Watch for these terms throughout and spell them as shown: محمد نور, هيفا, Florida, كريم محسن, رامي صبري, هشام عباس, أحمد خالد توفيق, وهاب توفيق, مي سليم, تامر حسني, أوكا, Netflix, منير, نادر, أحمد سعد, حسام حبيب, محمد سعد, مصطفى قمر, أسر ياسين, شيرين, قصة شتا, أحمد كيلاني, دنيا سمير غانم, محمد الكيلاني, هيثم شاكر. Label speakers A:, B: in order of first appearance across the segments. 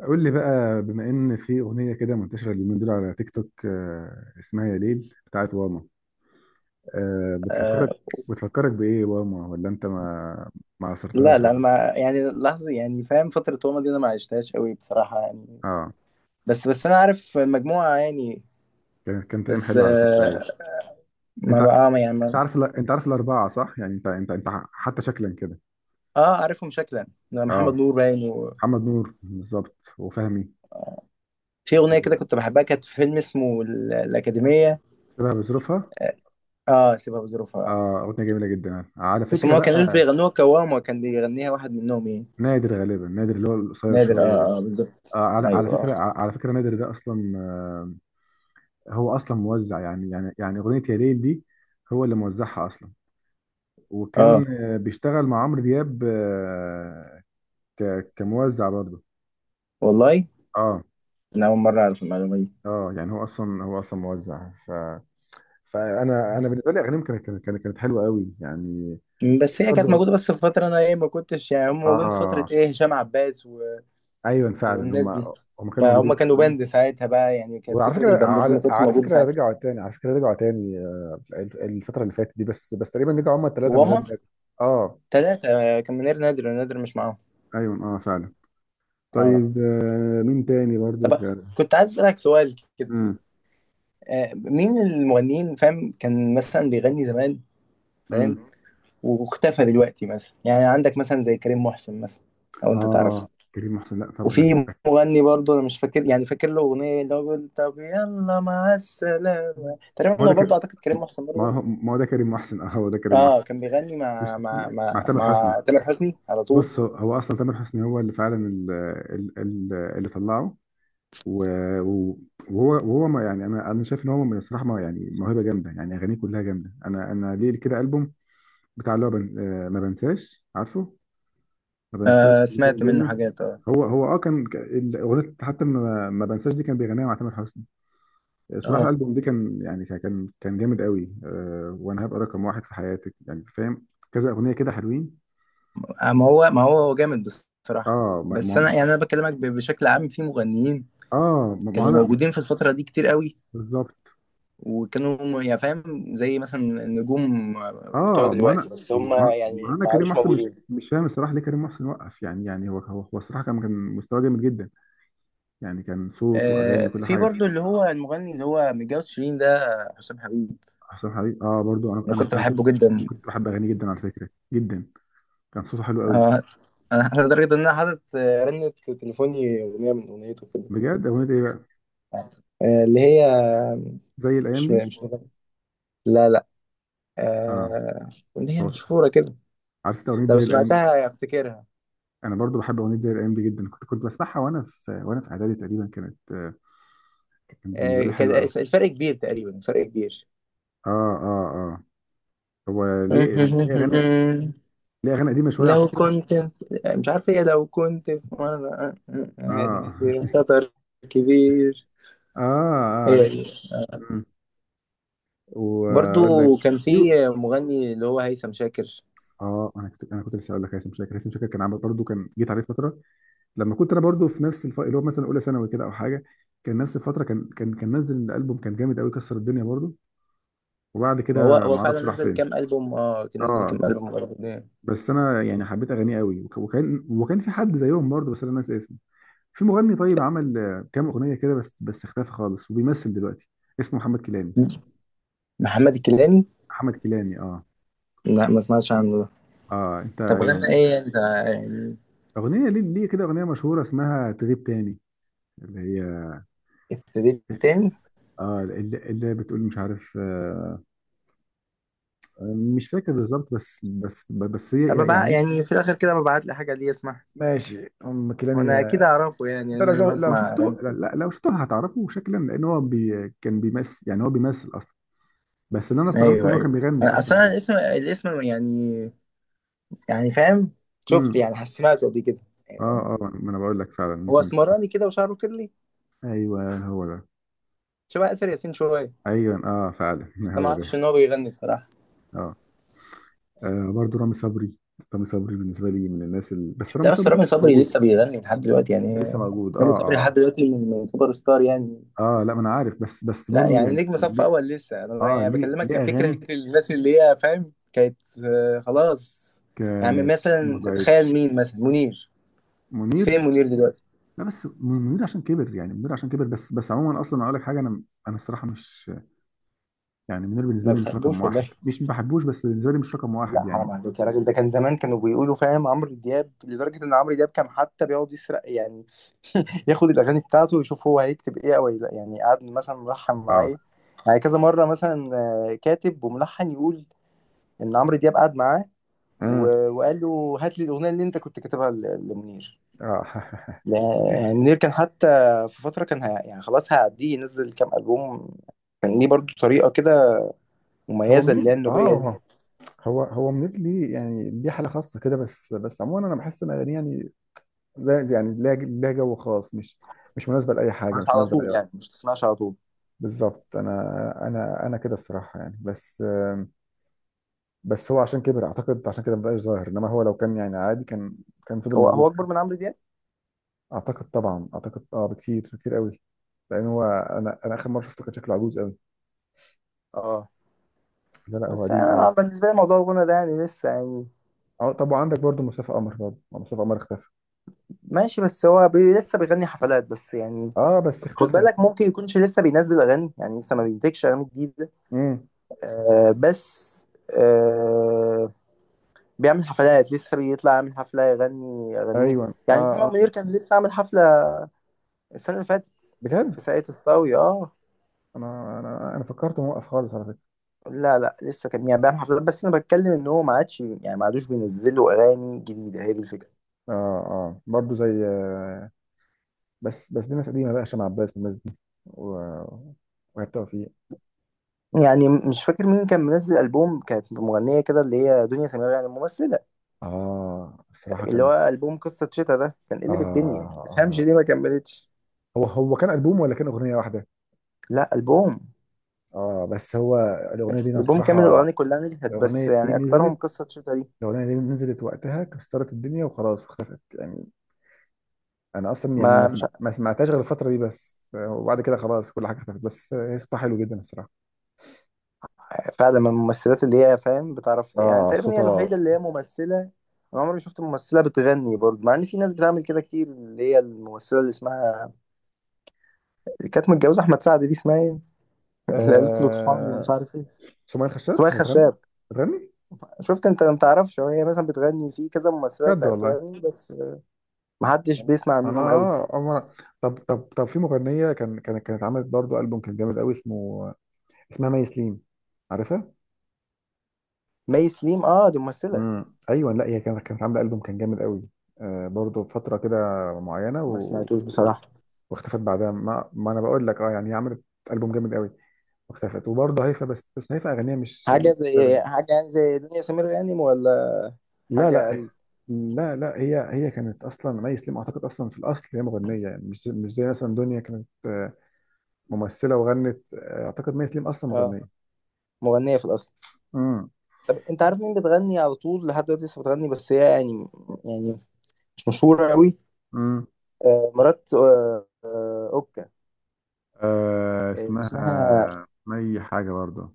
A: قول لي بقى، بما ان في اغنيه كده منتشره اليومين دول على تيك توك، اسمها يا ليل بتاعت واما. آه، بتفكرك
B: آه،
A: بتفكرك بايه واما، ولا انت ما
B: لا
A: عصرتهاش
B: لا انا
A: قوي؟
B: ما يعني لحظه، يعني فاهم، فتره روما دي انا ما عشتهاش قوي بصراحه يعني.
A: اه،
B: بس انا عارف المجموعه يعني.
A: كانت ايام
B: بس
A: حلوه على فكره قوي. انت
B: ما
A: ع-
B: بقى ما يعني ما
A: انت عارف الاربعه، صح؟ يعني حتى شكلا كده.
B: اه، عارفهم شكلا.
A: اه،
B: محمد نور باين، وفي
A: محمد نور بالظبط وفهمي.
B: اغنيه كده
A: شبه.
B: كنت بحبها، كانت في فيلم اسمه الاكاديميه.
A: بظروفها.
B: اه، سيبها بظروفها.
A: اه، اغنيه جميله جدا يعني. على
B: بس هم
A: فكره
B: ما كانوش
A: بقى،
B: بيغنوها كوام، وكان بيغنيها واحد منهم ايه،
A: نادر غالبا، نادر اللي هو القصير
B: نادر.
A: شويه
B: اه
A: ده.
B: اه بالظبط.
A: على
B: ايوه
A: فكره،
B: اه
A: على فكره نادر ده اصلا، هو اصلا موزع، يعني اغنيه يا ليل دي هو اللي موزعها اصلا. وكان
B: اه
A: بيشتغل مع عمرو دياب، كموزع برضه.
B: والله،
A: اه
B: انا اول مره اعرف المعلومه دي.
A: اه. يعني هو اصلا موزع، ف فانا بالنسبه لي اغانيهم كانت حلوه قوي يعني. في،
B: بس هي كانت
A: برضه.
B: موجوده، بس في فتره انا ايه ما كنتش، يعني هم موجودين في فتره
A: اه،
B: ايه هشام عباس و...
A: ايوه فعلا،
B: والناس
A: هم
B: دي.
A: هم كانوا موجودين
B: فهم
A: من
B: كانوا
A: زمان.
B: باند ساعتها بقى، يعني كانت
A: وعلى
B: فكره
A: فكره،
B: الباندات دي ما
A: على,
B: كانتش
A: على
B: موجوده
A: فكره
B: ساعتها.
A: رجعوا تاني، على فكره رجعوا تاني، الفتره اللي فاتت دي، بس تقريبا رجعوا هم الثلاثه من غير
B: وهما
A: بقى. اه،
B: ثلاثه كان منير، نادر. نادر مش معاهم.
A: ايوه اه فعلا.
B: اه.
A: طيب، مين تاني برضو
B: طب،
A: كان؟
B: كنت عايز اسالك سؤال كده.
A: امم
B: مين المغنيين، فاهم، كان مثلا بيغني زمان، فاهم،
A: امم
B: واختفى دلوقتي؟ مثلا يعني عندك مثلا زي كريم محسن مثلا، لو انت تعرف.
A: اه، كريم محسن، لا طبعا
B: وفي
A: ده.
B: مغني برضه انا مش فاكر، يعني فاكر له اغنيه اللي هو بيقول طب يلا مع السلامه،
A: ما هو
B: تقريبا
A: ده
B: هو برضه
A: ك...
B: اعتقد كريم محسن
A: ما
B: برضه.
A: هو ما هو ده كريم محسن اه هو ده كريم
B: اه،
A: محسن.
B: كان بيغني مع
A: مش مع تامر حسني.
B: تامر حسني على طول.
A: بص، هو اصلا تامر حسني هو اللي فعلا ال- ال- اللي طلعه. و- و- وهو ما يعني، انا شايف ان هو من الصراحه ما يعني موهبه جامده، يعني اغانيه كلها جامده. انا ليه كده البوم بتاع اللي هو ما بنساش، عارفه؟ ما
B: آه
A: بنساش اللي كان
B: سمعت منه
A: بينا.
B: حاجات اه.
A: هو كان، الاغنيه حتى ما بنساش دي كان بيغنيها مع تامر حسني. صراحه
B: اه،
A: الالبوم ده كان يعني، كان جامد قوي، وانا هبقى رقم واحد في حياتك يعني، فاهم؟ كذا اغنيه كده حلوين.
B: ما هو هو جامد بصراحه.
A: اه، ما.
B: بس انا يعني انا بكلمك بشكل عام، في مغنيين
A: اه، ما
B: كانوا
A: انا.
B: موجودين في الفتره دي كتير قوي،
A: بالظبط.
B: يعني فاهم زي مثلا النجوم بتوع
A: اه، ما انا،
B: دلوقتي، بس هم
A: ما, ما
B: يعني
A: انا
B: ما
A: كريم
B: عادوش
A: محسن مش
B: موجودين.
A: مش فاهم الصراحه ليه كريم محسن وقف يعني. يعني هو الصراحه كان مستواه جامد جدا، يعني كان صوت واغاني وكل
B: في
A: حاجه.
B: برضو اللي هو المغني اللي هو متجوز شيرين ده، حسام حبيب.
A: حسام حبيب، اه برضو انا
B: انا
A: انا
B: كنت
A: انا كنت.
B: بحبه جدا.
A: كنت بحب اغانيه جدا، على فكره، جدا. كان صوته حلو قوي.
B: آه، انا أنا لدرجه ان انا حاطط رنه تليفوني اغنيه من اغنيته كده.
A: بجد؟ اغنيه ايه بقى؟
B: اللي هي
A: زي الايام
B: مش
A: دي؟
B: مش مغني. لا لا.
A: اه
B: آه، اغنيه
A: خلاص،
B: مشهوره كده،
A: عرفت اغنيه
B: لو
A: زي الايام، خلاص دي.
B: سمعتها افتكرها.
A: انا برضو بحب اغنيه زي الايام دي جدا، كنت بسمعها وانا في اعدادي تقريبا، كانت، كانت بالنسبه لي
B: كان
A: حلوه قوي.
B: الفرق كبير، تقريبا الفرق كبير.
A: اه اه اه. هو ليه اغاني، ليه اغاني قديمه شويه على
B: لو
A: فكره.
B: كنت، مش عارف ايه، لو كنت في مرة، يعني
A: اه
B: في خطر كبير،
A: اه اه،
B: هي
A: عرفت.
B: دي.
A: مم.
B: برضو
A: واقول لك.
B: كان
A: في.
B: في مغني اللي هو هيثم شاكر.
A: اه، انا كنت لسه اقول لك هيثم شاكر. هيثم شاكر كان عامل برضه، كان جيت عليه فتره لما كنت انا برضه في نفس اللي هو مثلا اولى ثانوي كده او حاجه. كان نفس الفتره، كان نزل البوم، كان جامد قوي، كسر الدنيا برضه، وبعد
B: ما هو
A: كده ما
B: هو فعلا
A: اعرفش راح
B: نزل
A: فين.
B: كام ألبوم، اه كان نزل
A: اه.
B: كام ألبوم برضو يعني.
A: بس انا يعني حبيت اغانيه قوي، وكان في حد زيهم برضه، بس انا ناسي اسمه. في مغني طيب عمل كام اغنيه كده، بس اختفى خالص وبيمثل دلوقتي. اسمه محمد كيلاني.
B: محمد الكيلاني.
A: احمد كيلاني، اه.
B: لا، ما سمعتش عنه ده.
A: اه، انت
B: طب غنى
A: يعني.
B: ايه انت، يعني؟
A: اغنيه، ليه كده، اغنيه مشهوره اسمها تغيب تاني. اللي هي،
B: ابتديت تاني.
A: اه اللي بتقول مش عارف، مش فاكر بالظبط، بس
B: أبقى
A: هي
B: بقى
A: يعني.
B: يعني في الاخر كده ببعت لي حاجه ليه اسمعها،
A: ماشي، ام كيلاني.
B: وانا اكيد اعرفه، يعني
A: انت
B: ان انا
A: لو
B: بسمع اغاني
A: شفته، لا
B: كتير.
A: لا، لو شفته هتعرفه شكلا، لان هو كان بيمثل، يعني هو بيمثل، بس اللي انا استغربته ان
B: ايوه
A: هو
B: ايوه.
A: كان بيغني
B: أنا- اصل
A: اصلا
B: انا
A: كده.
B: الاسم، الاسم يعني، يعني فاهم، شفت
A: امم.
B: يعني سمعته قبل كده. يعني فاهم؟
A: اه اه، ما انا بقول لك فعلا
B: هو
A: ممكن تكون عارف.
B: اسمراني كده وشعره كيرلي،
A: ايوه هو ده.
B: شبه اسر ياسين شويه.
A: ايوه اه فعلا
B: بس أنا ما
A: هو ده.
B: اعرفش ان هو بيغني بصراحه.
A: اه, برضه رامي صبري. رامي صبري بالنسبه لي من الناس بس رامي
B: لا بس
A: صبري لسه
B: رامي صبري
A: موجود.
B: لسه بيغني لحد دلوقتي يعني.
A: لسه موجود، اه
B: رامي صبري
A: اه.
B: لحد دلوقتي من سوبر ستار يعني.
A: اه، لا ما انا عارف، بس
B: لا
A: برضه
B: يعني
A: يعني
B: نجم صف
A: ليه.
B: اول لسه، انا
A: اه،
B: يعني
A: ليه
B: بكلمك
A: ليه
B: عن فكره
A: اغاني
B: الناس اللي هي فاهم كانت خلاص. يعني
A: كانت. ما
B: مثلا تتخيل
A: بقتش.
B: مين؟ مثلا منير،
A: منير.
B: فين منير دلوقتي؟
A: لا بس منير عشان كبر، يعني منير عشان كبر، بس عموما اصلا اقول لك حاجه. انا انا الصراحه مش، يعني منير بالنسبه
B: ما
A: لي مش رقم
B: بتحبوش ولا
A: واحد،
B: ايه؟
A: مش ما بحبوش، بس بالنسبه لي مش رقم واحد
B: لا حرام
A: يعني.
B: عليك يا راجل، ده كان زمان كانوا بيقولوا فاهم عمرو دياب لدرجه ان عمرو دياب كان حتى بيقعد يسرق، يعني ياخد الاغاني بتاعته ويشوف هو هيكتب ايه او لا، يعني قعد مثلا ملحن مع
A: اه.
B: ايه، يعني كذا مره مثلا، كاتب وملحن يقول ان عمرو دياب قعد معاه،
A: امم.
B: وقال له هات لي الاغنيه اللي انت كنت كاتبها لمنير.
A: اه
B: يعني منير كان حتى في فتره كان يعني خلاص هيعديه ينزل كام البوم. كان ليه برضو طريقه كده
A: هو
B: مميزه اللي هي
A: منير
B: النوبيه دي.
A: اه. هو منير ليه، يعني دي حاله خاصه كده، بس عموما انا بحس ان اغانيه يعني يعني ليها جو خاص، مش مش مناسبه لاي حاجه،
B: مش
A: مش
B: على
A: مناسبه لاي
B: طول
A: وقت.
B: يعني، مش تسمعش على طول.
A: بالظبط. انا، انا كده الصراحه يعني، بس بس هو عشان كبر اعتقد، عشان كده مبقاش ظاهر، انما هو لو كان يعني عادي كان، كان فضل
B: هو هو
A: موجود.
B: اكبر من عمرو دياب.
A: اعتقد طبعا، اعتقد، بكتير بكتير قوي. لان هو، انا اخر مره شفته كان شكله عجوز قوي.
B: اه.
A: لا لا، هو
B: بس
A: قديم قوي.
B: انا بالنسبه لي موضوع الغنى ده يعني لسه يعني.
A: اه، طب وعندك برضو مصطفى قمر، برضو ما مصطفى قمر اختفى.
B: ماشي، بس هو لسه بيغني حفلات بس يعني.
A: اه بس
B: خد
A: اختفى.
B: بالك ممكن يكونش لسه بينزل اغاني، يعني لسه ما بينتجش اغاني جديده.
A: امم.
B: آه بس، آه، بيعمل حفلات، لسه بيطلع يعمل حفلة يغني أغانيه.
A: ايوه اه
B: يعني محمد
A: اه،
B: منير كان لسه عامل حفلة السنة اللي فاتت في
A: بجد
B: ساقية الصاوي اه.
A: انا فكرت موقف خالص على فكره.
B: لا لا لسه، كان يعني بيعمل حفلات، بس أنا بتكلم إن هو ما عادش، يعني ما عادوش بينزلوا أغاني جديدة. هي دي الفكرة.
A: اه اه، برضو زي بس دي ناس قديمه بقى، هشام عباس والناس دي، و... وهاب توفيق.
B: يعني مش فاكر مين كان منزل ألبوم، كانت مغنية كده اللي هي دنيا سمير يعني الممثلة،
A: اه الصراحه
B: اللي
A: كانت.
B: هو ألبوم قصة شتا ده، كان
A: آه,
B: قلب الدنيا ما تفهمش
A: آه
B: ليه ما كملتش.
A: هو كان البوم ولا كان اغنيه واحده؟
B: لا ألبوم،
A: اه، بس هو الاغنيه دي انا
B: ألبوم كامل،
A: الصراحه.
B: الأغاني كلها نجحت،
A: الاغنيه
B: بس
A: دي
B: يعني أكترهم
A: نزلت.
B: قصة شتا دي.
A: الاغنيه دي نزلت وقتها كسرت الدنيا وخلاص واختفت يعني. انا اصلا يعني
B: ما مش،
A: ما سمعتهاش غير الفتره دي، بس وبعد كده خلاص كل حاجه اختفت، بس هي صوتها حلو جدا الصراحه.
B: فعلا من الممثلات اللي هي فاهم بتعرف، يعني
A: اه
B: تقريبا هي
A: صوتها.
B: الوحيده اللي هي ممثله. انا عمري ما شفت ممثله بتغني برضه، مع ان في ناس بتعمل كده كتير، اللي هي الممثله اللي اسمها، اللي كانت متجوزه احمد سعد دي، اسمها ايه؟ اللي قالت له طحالي
A: آه...
B: مش عارف ايه.
A: سمية الخشاب
B: اسمها
A: هتغني.
B: خشاب.
A: هتغني.
B: شفت انت ما تعرفش؟ هو هي مثلا بتغني، في كذا ممثله
A: بجد
B: تلاقيها
A: والله.
B: بتغني، بس ما حدش بيسمع
A: انا
B: عنهم قوي.
A: طب طب طب، في مغنيه كانت عملت برضه البوم كان جامد قوي اسمه، اسمها مي سليم. عارفها؟
B: مي سليم اه، دي ممثله.
A: ايوه، لا هي كانت عامله البوم كان جامد قوي، برضه فتره كده معينه. و...
B: ما سمعتوش
A: و-
B: بصراحه.
A: واختفت بعدها ما انا بقول لك، يعني هي عملت البوم جامد قوي واختفت. وبرضه هيفا، بس هيفا اغانيها مش،
B: حاجه
A: مش
B: زي
A: أدبي.
B: حاجه، يعني زي دنيا سمير غانم، ولا
A: لا
B: حاجه
A: لا.
B: اقل؟
A: لا لا، هي كانت اصلا مي سليم، اعتقد اصلا في الاصل هي مغنيه، يعني مش زي مثلا دنيا كانت ممثله وغنت. اعتقد مي سليم اصلا
B: اه،
A: مغنيه.
B: مغنيه في الاصل.
A: امم.
B: طب انت عارف مين بتغني على طول لحد دلوقتي، لسه بتغني بس هي يعني، يعني مش مشهورة قوي،
A: امم.
B: مرات اوكا، اللي
A: اسمها
B: اسمها،
A: مي حاجه برضه.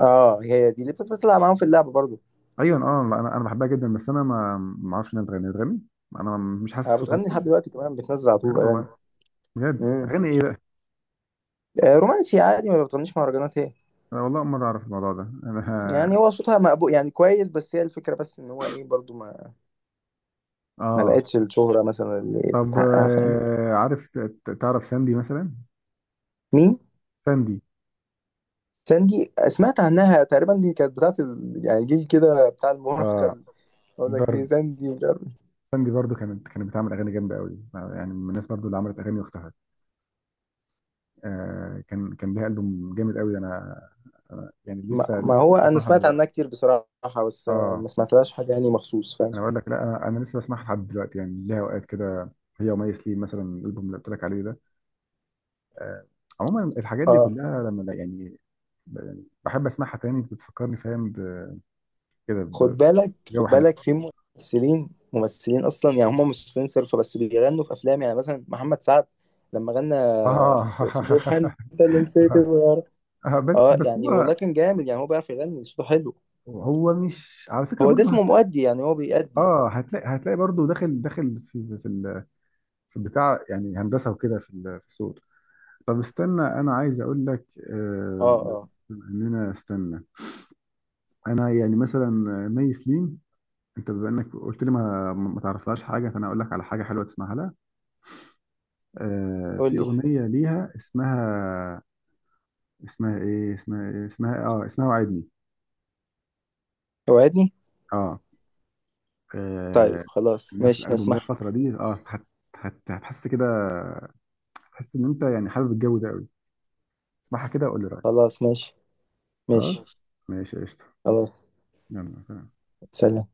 B: اه هي دي اللي بتطلع معاهم في اللعبة برضو.
A: ايوه اه، لا، انا بحبها جدا، بس انا ما اعرفش انها بتغني. انا مش حاسس صوتها،
B: بتغني لحد
A: ممكن.
B: دلوقتي كمان، بتنزل على طول
A: بجد
B: اغاني.
A: والله. بجد
B: امم،
A: اغاني ايه بقى؟
B: رومانسي عادي، ما بتغنيش مهرجانات هي،
A: انا والله اول مره اعرف الموضوع ده انا.
B: يعني هو صوتها مقبول يعني كويس، بس هي الفكرة بس ان هو ايه، برضو ما ما
A: اه،
B: لقتش الشهرة مثلا اللي
A: طب،
B: تستحقها، فاهم.
A: عارف تعرف ساندي مثلا؟
B: مين
A: ساندي.
B: ساندي؟ سمعت عنها تقريبا، دي كانت بتاعت ال... يعني جيل كده بتاع المراهقة
A: اه،
B: اقول لك، دي
A: برضه.
B: ساندي مش عارف.
A: ساندي برضه كانت بتعمل اغاني جامده قوي يعني، من الناس برضه اللي عملت اغاني واختفت. كان ليها البوم جامد قوي، انا يعني
B: ما,
A: لسه
B: ما
A: لسه
B: هو
A: لسه
B: انا
A: بسمعها لحد
B: سمعت عنها
A: دلوقتي.
B: كتير بصراحه، بس
A: اه
B: ما سمعتلهاش حاجه يعني مخصوص، فاهم.
A: انا بقول لك، لا انا لسه بسمعها لحد دلوقتي يعني، ليها اوقات كده، هي ومي سليم مثلا الالبوم اللي قلت لك عليه ده. آه. عموما الحاجات دي
B: اه.
A: كلها لما، يعني، يعني بحب اسمعها تاني، بتفكرني فاهم، كده
B: خد بالك، خد
A: بجو حلو.
B: بالك، في ممثلين، ممثلين اصلا يعني هم ممثلين صرف، بس بيغنوا في افلام، يعني مثلا محمد سعد لما غنى
A: اه
B: في بوحة انت اللي نسيت الغيار.
A: اه، بس
B: اه
A: بس
B: يعني
A: هو،
B: والله كان جامد، يعني هو بيعرف يغني صوته حلو.
A: هو مش على فكره
B: هو ده
A: برضه
B: اسمه
A: هتلاقي.
B: مؤدي، يعني هو بيأدي.
A: اه، هتلاقي برضه داخل في البتاع يعني هندسه وكده، في الصوت. طب استنى، انا عايز اقول لك،
B: اه
A: آه،
B: اه.
A: بما اننا، استنى. انا يعني مثلا مي سليم، انت بما انك قلت لي ما تعرفلهاش حاجه، فانا اقول لك على حاجه حلوه تسمعها لها.
B: قول
A: في
B: لي.
A: اغنيه ليها اسمها، اسمها ايه، اسمها إيه؟ اسمها اسمها وعدني.
B: وعدني.
A: اه.
B: طيب
A: آه،
B: خلاص
A: نفس
B: ماشي
A: الالبوم ده
B: هسمح.
A: الفتره دي. اه، هتحس كده، هتحس ان انت يعني حابب الجو ده قوي. اسمعها كده وقول لي رايك.
B: خلاص، ماشي. ماشي.
A: خلاص ماشي قشطه.
B: خلاص.
A: يلا سلام.
B: سلام.